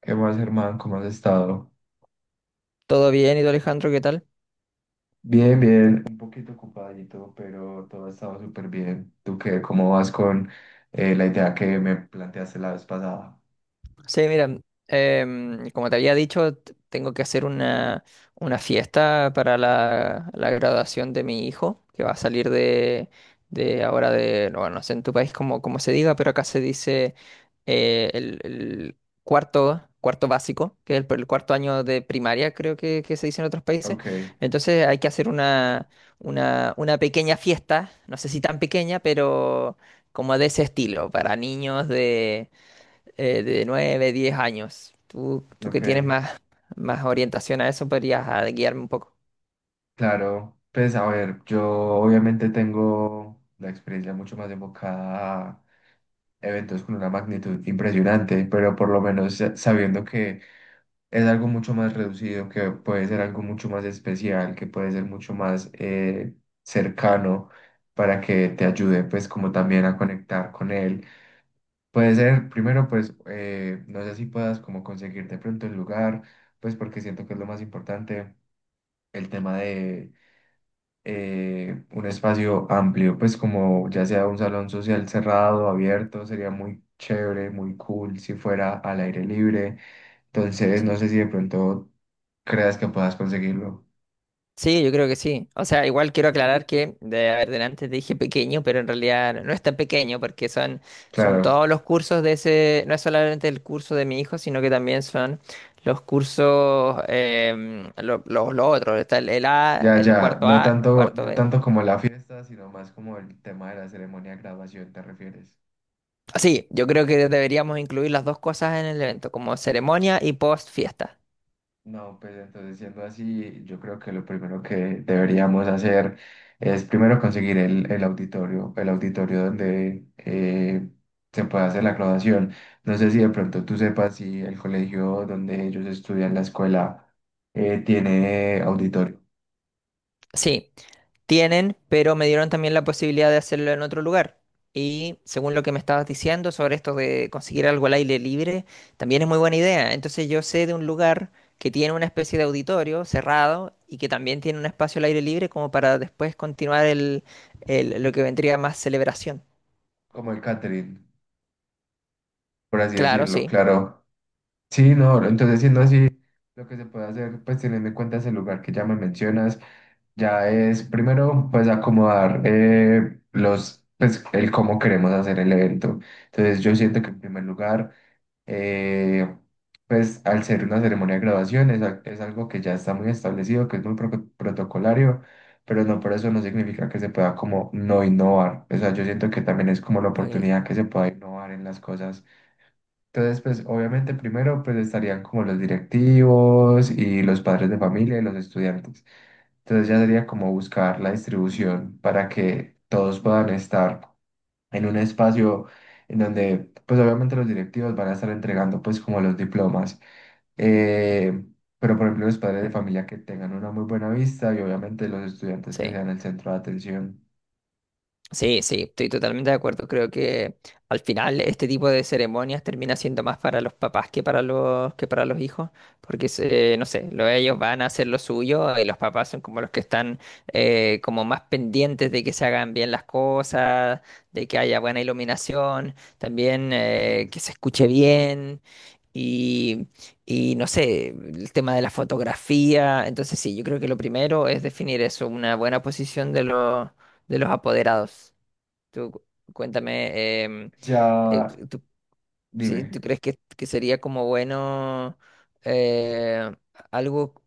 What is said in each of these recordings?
¿Qué más, hermano? ¿Cómo has estado? ¿Todo bien? ¿Y tú, Alejandro, qué tal? Bien, bien, un poquito ocupadito, pero todo ha estado súper bien. ¿Tú qué? ¿Cómo vas con la idea que me planteaste la vez pasada? Sí, mira, como te había dicho, tengo que hacer una fiesta para la graduación de mi hijo, que va a salir de ahora de, no, no sé en tu país cómo se diga, pero acá se dice el cuarto básico, que es el cuarto año de primaria, creo que se dice en otros países. Ok, Entonces hay que hacer una pequeña fiesta, no sé si tan pequeña, pero como de ese estilo, para niños de 9 10 años. Tú que ok, tienes más, más orientación a eso, podrías guiarme un poco. claro. Pues a ver, yo obviamente tengo la experiencia mucho más enfocada a eventos con una magnitud impresionante, pero por lo menos sabiendo que es algo mucho más reducido, que puede ser algo mucho más especial, que puede ser mucho más cercano para que te ayude pues como también a conectar con él. Puede ser, primero pues, no sé si puedas como conseguir de pronto el lugar, pues porque siento que es lo más importante, el tema de un espacio amplio, pues como ya sea un salón social cerrado, abierto, sería muy chévere, muy cool si fuera al aire libre. Entonces, Sí. no sé si de pronto creas que puedas conseguirlo. Sí, yo creo que sí. O sea, igual quiero aclarar que, de, a ver, delante te dije pequeño, pero en realidad no es tan pequeño porque son, son Claro, todos los cursos de ese, no es solamente el curso de mi hijo, sino que también son los cursos, los otros, está el ya, ya, no A, el tanto, cuarto no B. tanto como la fiesta, sino más como el tema de la ceremonia de graduación, ¿te refieres? Sí, yo creo que deberíamos incluir las dos cosas en el evento, como ceremonia y post fiesta. No, pues entonces siendo así, yo creo que lo primero que deberíamos hacer es primero conseguir el auditorio donde se pueda hacer la graduación. No sé si de pronto tú sepas si el colegio donde ellos estudian la escuela tiene auditorio, Sí, tienen, pero me dieron también la posibilidad de hacerlo en otro lugar. Y según lo que me estabas diciendo sobre esto de conseguir algo al aire libre, también es muy buena idea. Entonces yo sé de un lugar que tiene una especie de auditorio cerrado y que también tiene un espacio al aire libre como para después continuar lo que vendría más celebración. como el catering, por así Claro, decirlo, sí. claro. Sí, no, entonces siendo así, lo que se puede hacer, pues teniendo en cuenta ese lugar que ya me mencionas, ya es primero, pues acomodar los, pues el cómo queremos hacer el evento. Entonces yo siento que en primer lugar, eh, pues al ser una ceremonia de graduación, es, es algo que ya está muy establecido, que es muy protocolario, pero no por eso no significa que se pueda como no innovar. O sea, yo siento que también es como la Ok, oportunidad que se pueda innovar en las cosas entonces, pues obviamente primero pues estarían como los directivos y los padres de familia y los estudiantes. Entonces ya sería como buscar la distribución para que todos puedan estar en un espacio en donde pues obviamente los directivos van a estar entregando pues como los diplomas. Eh, pero por ejemplo los padres de familia que tengan una muy buena vista y obviamente los estudiantes que sí. sean el centro de atención. Sí, sí, estoy totalmente de acuerdo. Creo que al final este tipo de ceremonias termina siendo más para los papás que para los hijos, porque no sé, ellos van a hacer lo suyo y los papás son como los que están como más pendientes de que se hagan bien las cosas, de que haya buena iluminación, también que se escuche bien y y no sé, el tema de la fotografía. Entonces sí, yo creo que lo primero es definir eso, una buena posición de los apoderados. Tú cu- cuéntame, Ya, tú, sí, dime. ¿tú crees que sería como bueno eh, algo,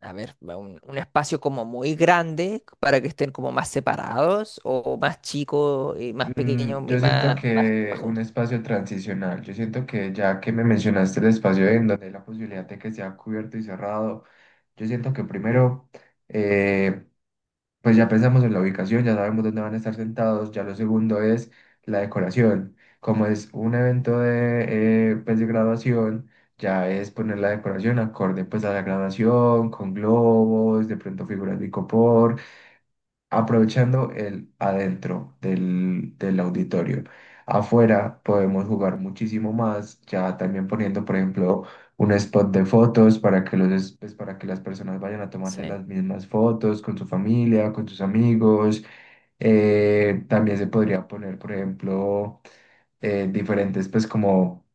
a ver, va, un espacio como muy grande para que estén como más separados o más chicos y más pequeños y Yo siento más, más que un juntos? espacio transicional, yo siento que ya que me mencionaste el espacio en donde hay la posibilidad de que sea cubierto y cerrado, yo siento que primero, eh, pues ya pensamos en la ubicación, ya sabemos dónde van a estar sentados, ya lo segundo es la decoración, como es un evento de, pues de graduación, ya es poner la decoración acorde pues a la graduación, con globos, de pronto figuras de icopor, aprovechando el adentro del auditorio. Afuera podemos jugar muchísimo más, ya también poniendo, por ejemplo, un spot de fotos para que los, pues, para que las personas vayan a tomarse Sí, las mismas fotos con su familia, con sus amigos. También se podría poner, por ejemplo, diferentes, pues como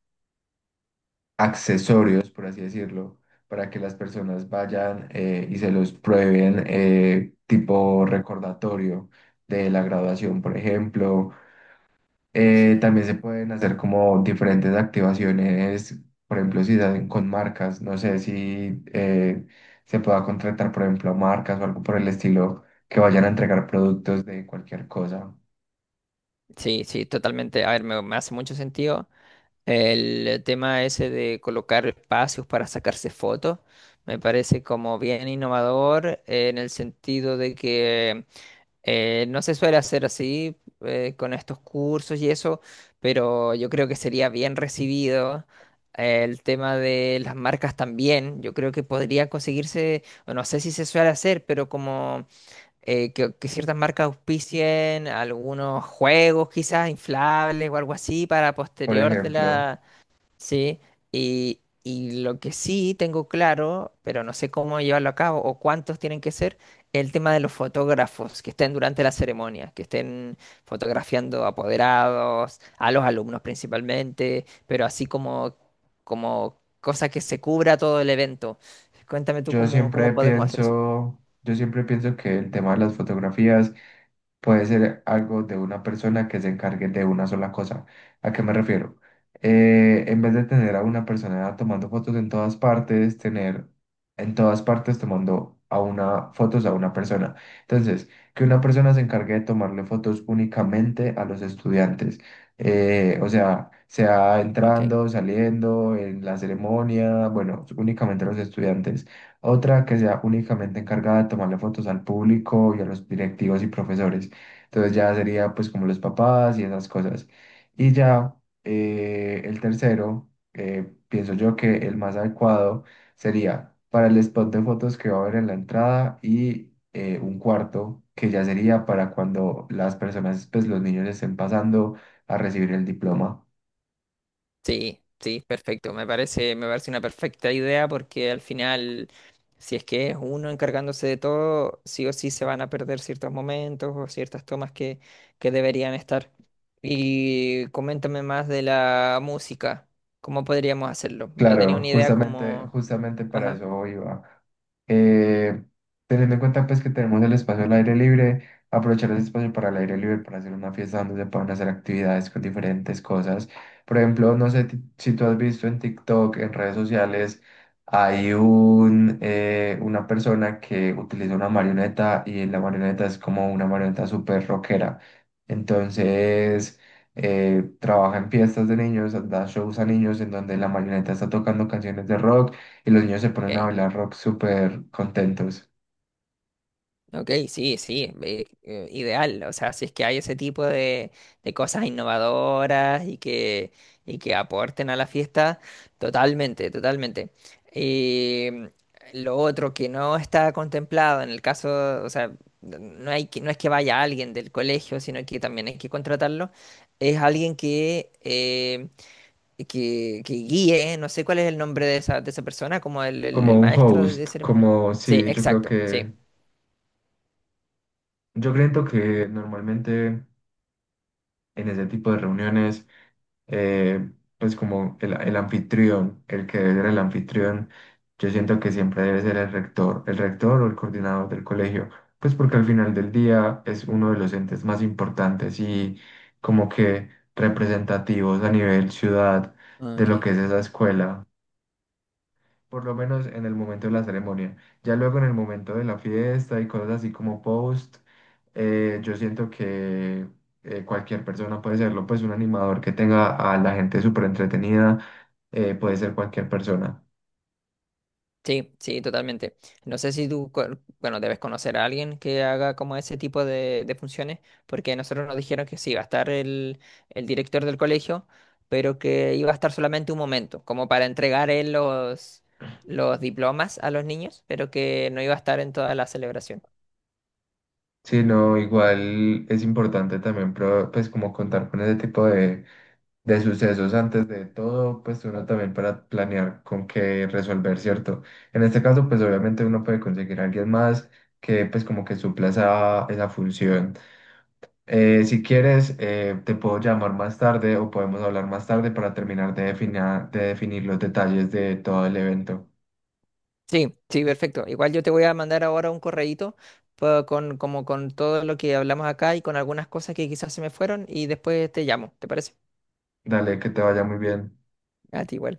accesorios, por así decirlo, para que las personas vayan y se los prueben, tipo recordatorio de la graduación, por ejemplo. Sí. También se pueden hacer como diferentes activaciones, por ejemplo, si salen con marcas, no sé si se pueda contratar, por ejemplo, a marcas o algo por el estilo que vayan a entregar productos de cualquier cosa. Sí, sí, totalmente. A ver, me hace mucho sentido. El tema ese de colocar espacios para sacarse fotos me parece como bien innovador en el sentido de que no se suele hacer así con estos cursos y eso, pero yo creo que sería bien recibido. El tema de las marcas también, yo creo que podría conseguirse, o no sé si se suele hacer, pero como que ciertas marcas auspicien algunos juegos quizás inflables o algo así para Por posterior de ejemplo, la, Sí, y lo que sí tengo claro, pero no sé cómo llevarlo a cabo o cuántos tienen que ser, el tema de los fotógrafos que estén durante la ceremonia, que estén fotografiando apoderados, a los alumnos principalmente, pero así como, como cosa que se cubra todo el evento. Cuéntame tú cómo, cómo podemos hacer eso. Yo siempre pienso que el tema de las fotografías puede ser algo de una persona que se encargue de una sola cosa. ¿A qué me refiero? En vez de tener a una persona tomando fotos en todas partes, tener en todas partes tomando a una fotos a una persona. Entonces, que una persona se encargue de tomarle fotos únicamente a los estudiantes. O sea, sea Ok. entrando, saliendo, en la ceremonia, bueno, únicamente a los estudiantes. Otra que sea únicamente encargada de tomarle fotos al público y a los directivos y profesores. Entonces ya sería pues como los papás y esas cosas. Y ya el tercero, pienso yo que el más adecuado sería para el spot de fotos que va a haber en la entrada y un cuarto que ya sería para cuando las personas, pues los niños estén pasando a recibir el diploma. Sí, sí, perfecto. Me parece una perfecta idea porque al final, si es que es uno encargándose de todo, sí o sí se van a perder ciertos momentos o ciertas tomas que deberían estar. Y coméntame más de la música. ¿Cómo podríamos hacerlo? Yo tenía Claro, una idea justamente, como... justamente para Ajá, eso iba. Eh, teniendo en cuenta pues que tenemos el espacio al aire libre, aprovechar ese espacio para el aire libre, para hacer una fiesta donde se puedan hacer actividades con diferentes cosas. Por ejemplo, no sé si tú has visto en TikTok, en redes sociales, hay un, una persona que utiliza una marioneta y la marioneta es como una marioneta súper rockera. Entonces trabaja en fiestas de niños, da shows a niños en donde la marioneta está tocando canciones de rock y los niños se ponen a ok. bailar rock súper contentos. Ok, sí, sí, ideal. O sea, si es que hay ese tipo de cosas innovadoras y que aporten a la fiesta, totalmente, totalmente. Em, lo otro que no está contemplado en el caso, o sea, no hay que, no es que vaya alguien del colegio, sino que también hay que contratarlo, es alguien que guíe, no sé cuál es el nombre de esa persona, como el Como un maestro de host, ceremonia. como Sí, sí, exacto, sí. Yo creo que normalmente en ese tipo de reuniones, eh, pues como el anfitrión, el que debe ser el anfitrión, yo siento que siempre debe ser el rector o el coordinador del colegio, pues porque al final del día es uno de los entes más importantes y como que representativos a nivel ciudad de lo Ok. que es esa escuela por lo menos en el momento de la ceremonia. Ya luego en el momento de la fiesta y cosas así como post, yo siento que cualquier persona puede serlo, pues un animador que tenga a la gente súper entretenida, puede ser cualquier persona. Sí, sí, totalmente. No sé si tú, bueno, debes conocer a alguien que haga como ese tipo de funciones, porque nosotros nos dijeron que sí, iba a estar el director del colegio, pero que iba a estar solamente un momento, como para entregar él los diplomas a los niños, pero que no iba a estar en toda la celebración. Sí, no, igual es importante también, pues como contar con ese tipo de sucesos antes de todo, pues uno también para planear con qué resolver, ¿cierto? En este caso, pues obviamente uno puede conseguir a alguien más que pues como que supla esa, esa función. Si quieres, te puedo llamar más tarde o podemos hablar más tarde para terminar de de definir los detalles de todo el evento. Sí, sí, perfecto. Igual yo te voy a mandar ahora un correíto con, como con todo lo que hablamos acá y con algunas cosas que quizás se me fueron y después te llamo, ¿te parece? Dale, que te vaya muy bien. A ti igual.